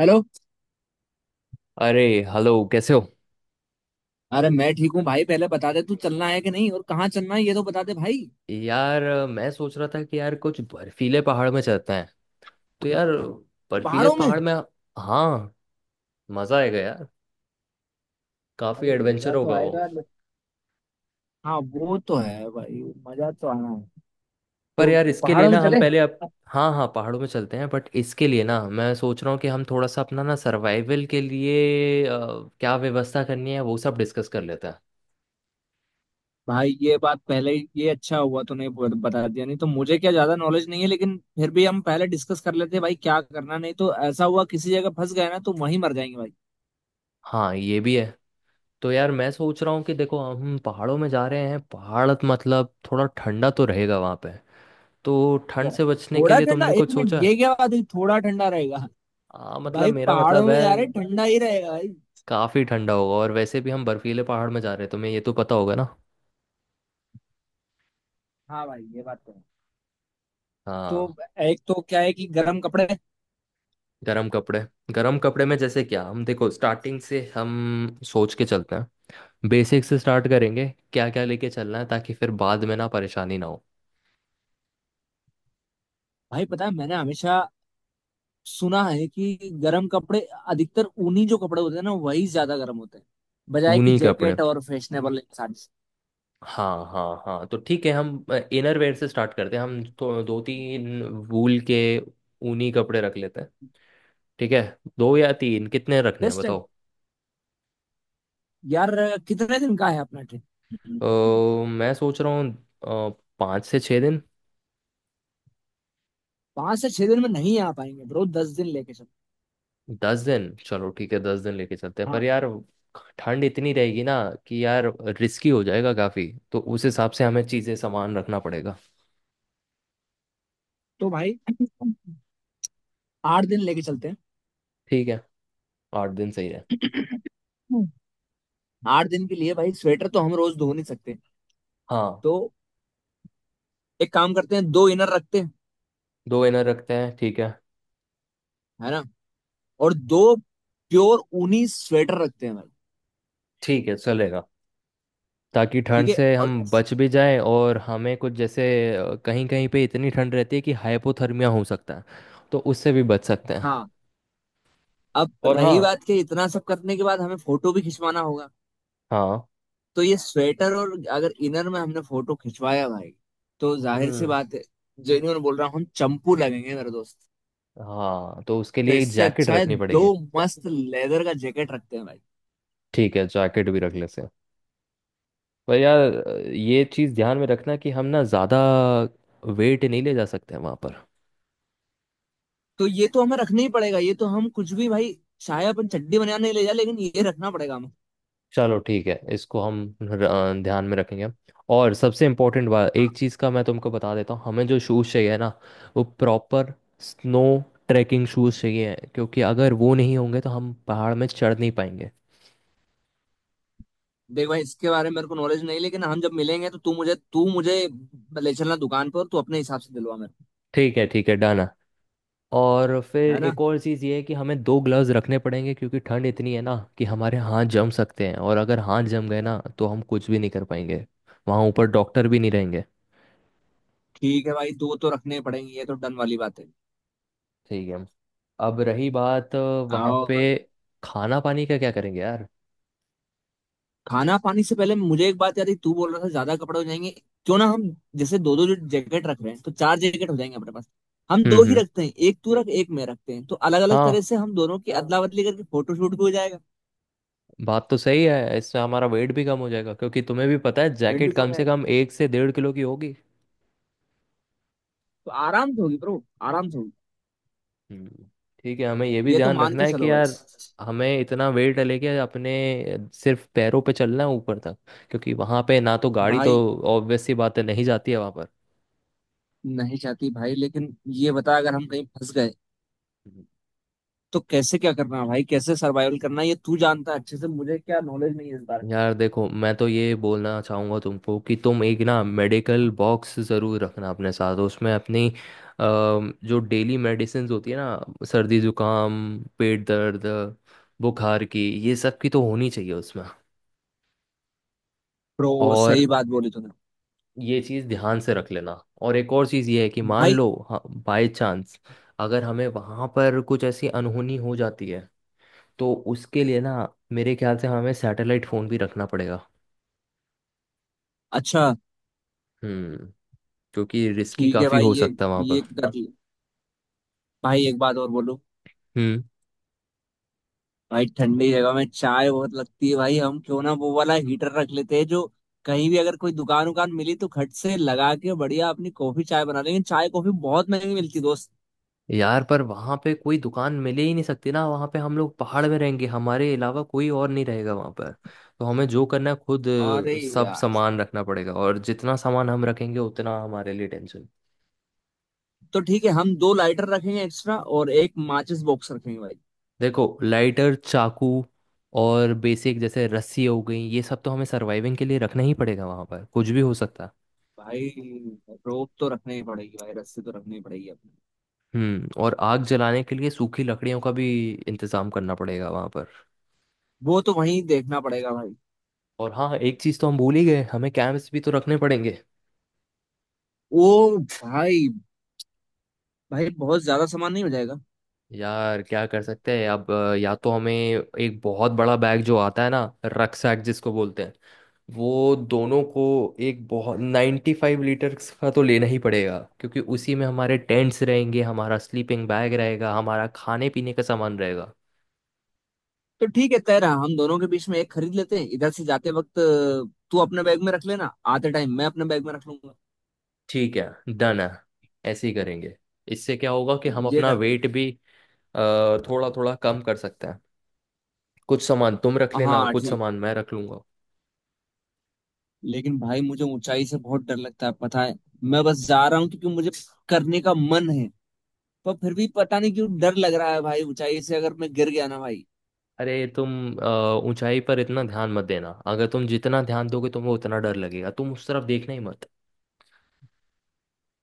Hello. अरे hello कैसे हो। अरे मैं ठीक हूँ भाई, पहले बता दे तू चलना है कि नहीं और कहाँ चलना है ये तो बता दे भाई। यार मैं सोच रहा था कि यार कुछ बर्फीले पहाड़ में चलते हैं। तो यार बर्फीले पहाड़ों में। पहाड़ में हाँ मजा आएगा यार। काफी अरे एडवेंचर मजा तो होगा वो। आएगा हाँ वो तो है भाई, मजा तो आना है। पर तो यार इसके लिए पहाड़ों ना में हम चले। पहले अब हाँ हाँ पहाड़ों में चलते हैं बट इसके लिए ना मैं सोच रहा हूँ कि हम थोड़ा सा अपना ना सर्वाइवल के लिए क्या व्यवस्था करनी है वो सब डिस्कस कर लेते हैं। भाई ये बात पहले ये अच्छा हुआ तूने बता दिया, नहीं तो मुझे क्या ज्यादा नॉलेज नहीं है, लेकिन फिर भी हम पहले डिस्कस कर लेते भाई क्या करना, नहीं तो ऐसा हुआ किसी जगह फंस गए ना तो वहीं मर जाएंगे भाई। हाँ ये भी है। तो यार मैं सोच रहा हूँ कि देखो हम पहाड़ों में जा रहे हैं। पहाड़ मतलब थोड़ा ठंडा तो रहेगा वहाँ पे। तो ठंड बहुत। से बचने के थोड़ा लिए ठंडा? तुमने एक कुछ मिनट, सोचा। ये क्या बात हुई, थोड़ा ठंडा रहेगा? हाँ मतलब भाई मेरा पहाड़ों मतलब में है जा रहे, ठंडा ही रहेगा भाई। काफ़ी ठंडा होगा और वैसे भी हम बर्फीले पहाड़ में जा रहे हैं तुम्हें ये तो पता होगा ना। हाँ भाई, ये बात तो है। तो हाँ। एक तो क्या है कि गर्म कपड़े। गरम कपड़े। गरम कपड़े में जैसे क्या हम देखो स्टार्टिंग से हम सोच के चलते हैं। बेसिक से स्टार्ट करेंगे। क्या क्या लेके चलना है ताकि फिर बाद में ना परेशानी ना हो। भाई पता है, मैंने हमेशा सुना है कि गर्म कपड़े अधिकतर ऊनी जो कपड़े होते हैं ना वही ज्यादा गर्म होते हैं, बजाय कि ऊनी कपड़े। जैकेट और फैशनेबल साड़ी। हाँ हाँ हाँ तो ठीक है। हम इनर वेयर से स्टार्ट करते हैं हम तो दो तीन वूल के ऊनी कपड़े रख लेते हैं। ठीक है। दो या तीन कितने रखने हैं बेस्ट है। बताओ। यार कितने दिन का है अपना ट्रिप? अ, मैं सोच रहा हूँ। 5 से 6 दिन। पांच से छह दिन में नहीं आ पाएंगे ब्रो, दस दिन लेके चल। 10 दिन चलो ठीक है 10 दिन लेके चलते हैं पर हाँ। यार ठंड इतनी रहेगी ना कि यार रिस्की हो जाएगा काफ़ी। तो उस हिसाब से हमें चीज़ें सामान रखना पड़ेगा। तो भाई आठ दिन लेके चलते हैं। ठीक है 8 दिन सही है। आठ दिन के लिए भाई, स्वेटर तो हम रोज धो नहीं सकते। हाँ तो एक काम करते हैं, दो इनर रखते हैं। दो इनर रखते हैं ठीक है। है ना? और दो प्योर ऊनी स्वेटर रखते हैं भाई। ठीक है चलेगा ताकि ठंड ठीक है, से हम और बच भी जाएं और हमें कुछ जैसे कहीं कहीं पे इतनी ठंड रहती है कि हाइपोथर्मिया हो सकता है तो उससे भी बच सकते हैं। हाँ, अब और रही हाँ बात के इतना सब करने के बाद हमें फोटो भी खिंचवाना होगा। हाँ तो ये स्वेटर और अगर इनर में हमने फोटो खिंचवाया भाई, तो जाहिर सी हम्म। बात है। जेन्युइन बोल रहा हूँ, हम चंपू लगेंगे मेरे दोस्त। हाँ तो उसके तो लिए एक इससे जैकेट अच्छा है रखनी दो पड़ेगी। मस्त लेदर का जैकेट रखते हैं भाई। ठीक है जैकेट भी रख लेते हैं। पर यार ये चीज़ ध्यान में रखना कि हम ना ज़्यादा वेट नहीं ले जा सकते हैं वहाँ पर। तो ये तो हमें रखना ही पड़ेगा, ये तो हम कुछ भी भाई, चाहे अपन चड्डी बनाने ले जाए लेकिन ये रखना पड़ेगा हमें। चलो ठीक है इसको हम ध्यान में रखेंगे। और सबसे इम्पोर्टेंट बात एक चीज़ का मैं तुमको बता देता हूँ हमें जो शूज़ चाहिए ना वो प्रॉपर स्नो ट्रैकिंग शूज़ चाहिए क्योंकि अगर वो नहीं होंगे तो हम पहाड़ में चढ़ नहीं पाएंगे। देख भाई, इसके बारे में मेरे को नॉलेज नहीं, लेकिन हम जब मिलेंगे तो तू मुझे ले चलना दुकान पर, तू अपने हिसाब से दिलवा मेरे ठीक है डन। और को, फिर है ना? एक और चीज़ ये है कि हमें दो ग्लव्स रखने पड़ेंगे क्योंकि ठंड इतनी है ना कि हमारे हाथ जम सकते हैं और अगर हाथ जम गए ना तो हम कुछ भी नहीं कर पाएंगे। वहाँ ऊपर डॉक्टर भी नहीं रहेंगे। ठीक है भाई, दो तो रखने पड़ेंगे, ये तो डन वाली बात है। ठीक है। अब रही बात वहाँ पे और खाना पानी का क्या करेंगे यार। खाना पानी से पहले मुझे एक बात याद आई, तू बोल रहा था ज्यादा कपड़े हो जाएंगे। क्यों ना हम, जैसे दो दो जो जैकेट रख रहे हैं तो चार जैकेट हो जाएंगे अपने पास, हम हम्म दो ही हम्म रखते हैं, एक तू रख एक मैं रखते हैं, तो अलग अलग हाँ तरह से हम दोनों की अदला बदली करके फोटो शूट भी हो जाएगा। बात तो सही है इससे हमारा वेट भी कम हो जाएगा क्योंकि तुम्हें भी पता है रेट जैकेट भी कम कम हो से जाएगा। कम 1 से 1.5 किलो की होगी। तो आराम से होगी ब्रो, आराम से होगी। हम्म, ठीक है हमें ये भी ये तो ध्यान मान रखना के है कि चलो भाई। यार हमें इतना वेट लेके अपने सिर्फ पैरों पे चलना है ऊपर तक क्योंकि वहां पे ना तो गाड़ी तो भाई ऑब्वियस सी बात है नहीं जाती है वहां पर। नहीं जाती भाई, लेकिन ये बता अगर हम कहीं फंस गए हम्म। तो कैसे क्या करना है भाई, कैसे सर्वाइवल करना है ये तू जानता है अच्छे से, मुझे क्या नॉलेज नहीं है इस बारे में। यार देखो मैं तो ये बोलना चाहूंगा तुमको कि तुम एक ना मेडिकल बॉक्स जरूर रखना अपने साथ उसमें अपनी जो डेली मेडिसिन होती है ना सर्दी जुकाम पेट दर्द बुखार की ये सब की तो होनी चाहिए उसमें। प्रो, सही और बात बोली तूने। ये चीज़ ध्यान से रख लेना। और एक और चीज़ ये है कि मान भाई, लो बाय चांस अगर हमें वहाँ पर कुछ ऐसी अनहोनी हो जाती है तो उसके लिए ना मेरे ख्याल से हमें सैटेलाइट फ़ोन भी रखना पड़ेगा। अच्छा। हम्म क्योंकि रिस्की ठीक है काफ़ी भाई, हो ये सकता है वहाँ पर। ये कर लिया। भाई एक बात और बोलूं? हम्म भाई ठंडी जगह में चाय बहुत लगती है भाई, हम क्यों ना वो वाला हीटर रख लेते हैं जो, कहीं भी अगर कोई दुकान उकान मिली तो खट से लगा के बढ़िया अपनी कॉफी चाय बना लेंगे, चाय कॉफी बहुत महंगी मिलती दोस्त। यार पर वहाँ पे कोई दुकान मिले ही नहीं सकती ना वहाँ पे हम लोग पहाड़ में रहेंगे हमारे अलावा कोई और नहीं रहेगा वहाँ पर। तो हमें जो करना है खुद अरे सब यार, सामान रखना पड़ेगा और जितना सामान हम रखेंगे उतना हमारे लिए टेंशन। तो ठीक है हम दो लाइटर रखेंगे एक्स्ट्रा और एक माचिस बॉक्स रखेंगे भाई। देखो लाइटर चाकू और बेसिक जैसे रस्सी हो गई ये सब तो हमें सर्वाइविंग के लिए रखना ही पड़ेगा वहां पर कुछ भी हो सकता है। भाई रोप तो रखनी ही पड़ेगी भाई, रस्सी तो रखनी ही पड़ेगी अपने। और आग जलाने के लिए सूखी लकड़ियों का भी इंतजाम करना पड़ेगा वहां पर। वो तो वहीं देखना पड़ेगा भाई। और हाँ एक चीज तो हम भूल ही गए हमें कैंप्स भी तो रखने पड़ेंगे। ओ भाई। भाई बहुत ज्यादा सामान नहीं हो जाएगा? यार क्या कर सकते हैं अब या तो हमें एक बहुत बड़ा बैग जो आता है ना रक्सैक जिसको बोलते हैं वो दोनों को एक बहुत 95 लीटर का तो लेना ही पड़ेगा क्योंकि उसी में हमारे टेंट्स रहेंगे हमारा स्लीपिंग बैग रहेगा हमारा खाने पीने का सामान रहेगा। तो ठीक है, तय रहा, हम दोनों के बीच में एक खरीद लेते हैं, इधर से जाते वक्त तू अपने बैग में रख लेना, आते टाइम मैं अपने बैग में रख लूंगा। ठीक है डन है। ऐसे ही करेंगे। इससे क्या होगा कि हम ये अपना करते हैं। वेट भी थोड़ा थोड़ा कम कर सकते हैं। कुछ सामान तुम रख लेना हाँ कुछ ठीक। सामान मैं रख लूंगा। लेकिन भाई मुझे ऊंचाई से बहुत डर लगता है पता है। मैं बस जा रहा हूँ क्योंकि मुझे करने का मन है। पर फिर भी पता नहीं क्यों डर लग रहा है भाई, ऊंचाई से अगर मैं गिर गया ना भाई। अरे तुम ऊंचाई पर इतना ध्यान मत देना अगर तुम जितना ध्यान दोगे तुम्हें उतना डर लगेगा तुम उस तरफ देखना ही मत।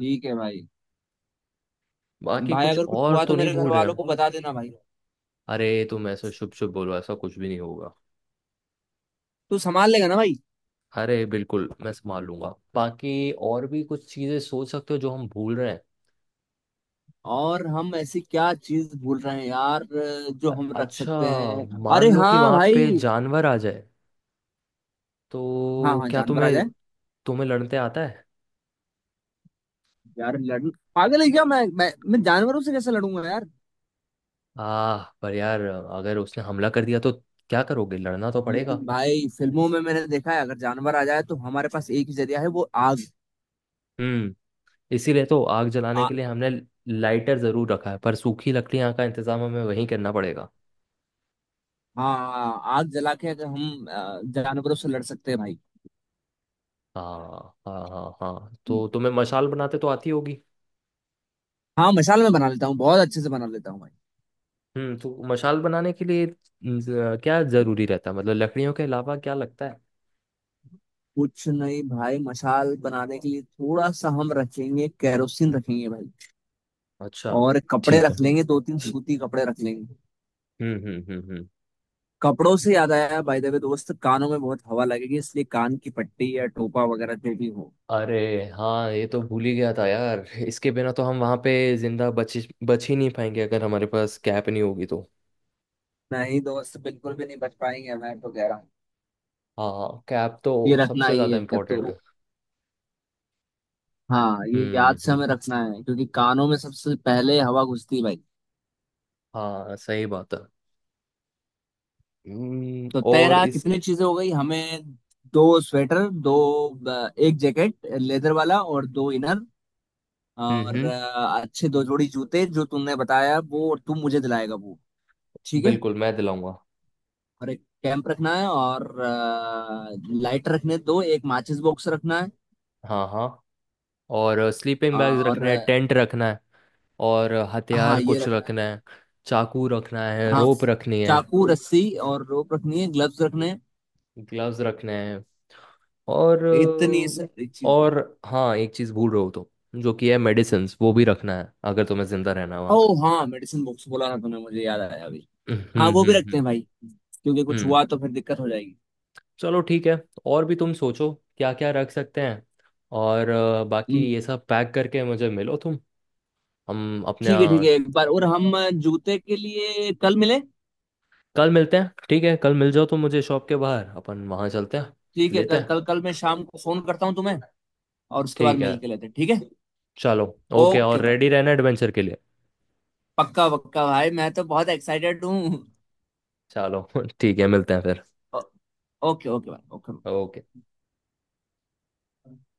ठीक है भाई। बाकी भाई कुछ अगर कुछ और हुआ तो तो नहीं मेरे भूल घर रहे वालों हम। को बता देना भाई। अरे तुम ऐसे शुभ शुभ बोलो ऐसा कुछ भी नहीं होगा। तू संभाल लेगा ना भाई? अरे बिल्कुल मैं संभाल लूंगा। बाकी और भी कुछ चीजें सोच सकते हो जो हम भूल रहे हैं। और हम ऐसी क्या चीज भूल रहे हैं यार, जो अ- हम रख अच्छा सकते हैं? मान अरे लो कि हाँ वहां भाई। पे जानवर आ जाए हाँ तो हाँ, क्या जानवर आ तुम्हें जाए। तुम्हें लड़ते आता है। यार लड़? पागल है क्या, मैं जानवरों से कैसे लड़ूंगा यार। आ पर यार अगर उसने हमला कर दिया तो क्या करोगे लड़ना तो पड़ेगा। लेकिन भाई फिल्मों में मैंने देखा है, अगर जानवर आ जाए तो हमारे पास एक ही जरिया है, वो आग। हम्म इसीलिए तो आग जलाने आ, के लिए हमने लाइटर जरूर रखा है पर सूखी लकड़ियाँ का इंतजाम हमें वहीं करना पड़ेगा। हाँ, आग जला के अगर हम जानवरों से लड़ सकते हैं भाई। हाँ हाँ हाँ हाँ तो तुम्हें मशाल बनाते तो आती होगी। हाँ मशाल में बना लेता हूँ, बहुत अच्छे से बना लेता हूँ भाई। तो मशाल बनाने के लिए क्या जरूरी रहता है मतलब लकड़ियों के अलावा क्या लगता है। कुछ नहीं भाई, मशाल बनाने के लिए थोड़ा सा हम रखेंगे, कैरोसिन रखेंगे भाई। अच्छा और कपड़े ठीक है। रख लेंगे, दो तीन सूती कपड़े रख लेंगे। हम्म। कपड़ों से याद आया बाय द वे दोस्त, कानों में बहुत हवा लगेगी इसलिए कान की पट्टी या टोपा वगैरह जो भी हो। अरे हाँ ये तो भूल ही गया था यार। इसके बिना तो हम वहाँ पे जिंदा बच बच ही नहीं पाएंगे अगर हमारे पास कैप नहीं होगी तो। नहीं दोस्त, बिल्कुल भी नहीं बच पाएंगे, मैं तो कह रहा हूँ। हाँ कैप ये तो रखना सबसे ही ज़्यादा है तो। इम्पोर्टेंट है। हाँ, ये याद हम्म से हम्म हमें रखना है क्योंकि कानों में सबसे पहले हवा घुसती है भाई। हाँ सही बात है। तो और तेरा इस कितनी चीजें हो गई हमें, दो स्वेटर, दो, एक जैकेट लेदर वाला और दो इनर। हम्म और हम्म अच्छे दो जोड़ी जूते जो तुमने बताया वो, और तुम मुझे दिलाएगा वो, ठीक है। बिल्कुल मैं दिलाऊंगा। और एक कैंप रखना है, और लाइटर रखने दो, एक माचिस बॉक्स रखना है। हाँ हाँ और स्लीपिंग बैग्स और रखने हैं टेंट रखना है। और हाँ, हथियार ये कुछ रखना है। रखना है। चाकू रखना है हाँ, रोप रखनी है चाकू रस्सी, और रोप रखनी है, ग्लव्स रखने हैं। ग्लव्स रखने हैं। और इतनी सारी चीजें। और हाँ एक चीज़ भूल रहे हो तो जो कि है मेडिसिन्स वो भी रखना है अगर तुम्हें जिंदा रहना है ओ वहाँ पे। हाँ, मेडिसिन बॉक्स बोला ना तुमने, मुझे याद आया अभी। हम्म हाँ हम्म वो भी रखते हम्म हैं भाई, क्योंकि कुछ हम्म। हुआ तो फिर दिक्कत हो जाएगी। चलो ठीक है और भी तुम सोचो क्या क्या रख सकते हैं। और बाकी हम्म। ये सब पैक करके मुझे मिलो तुम। हम अपने ठीक है ठीक है, यहाँ- एक बार और हम जूते के लिए कल मिले। कल मिलते हैं ठीक है कल मिल जाओ तो मुझे शॉप के बाहर अपन वहाँ चलते हैं ठीक है, लेते कल हैं कल कल मैं शाम को फोन करता हूँ तुम्हें, और उसके बाद ठीक है। मिल के लेते हैं, ठीक है। चलो ओके और ओके भाई, रेडी रहना एडवेंचर के लिए। पक्का पक्का भाई, मैं तो बहुत एक्साइटेड हूँ। चलो ठीक है मिलते हैं फिर ओ- ओके ओके भाई। ओके। ओके।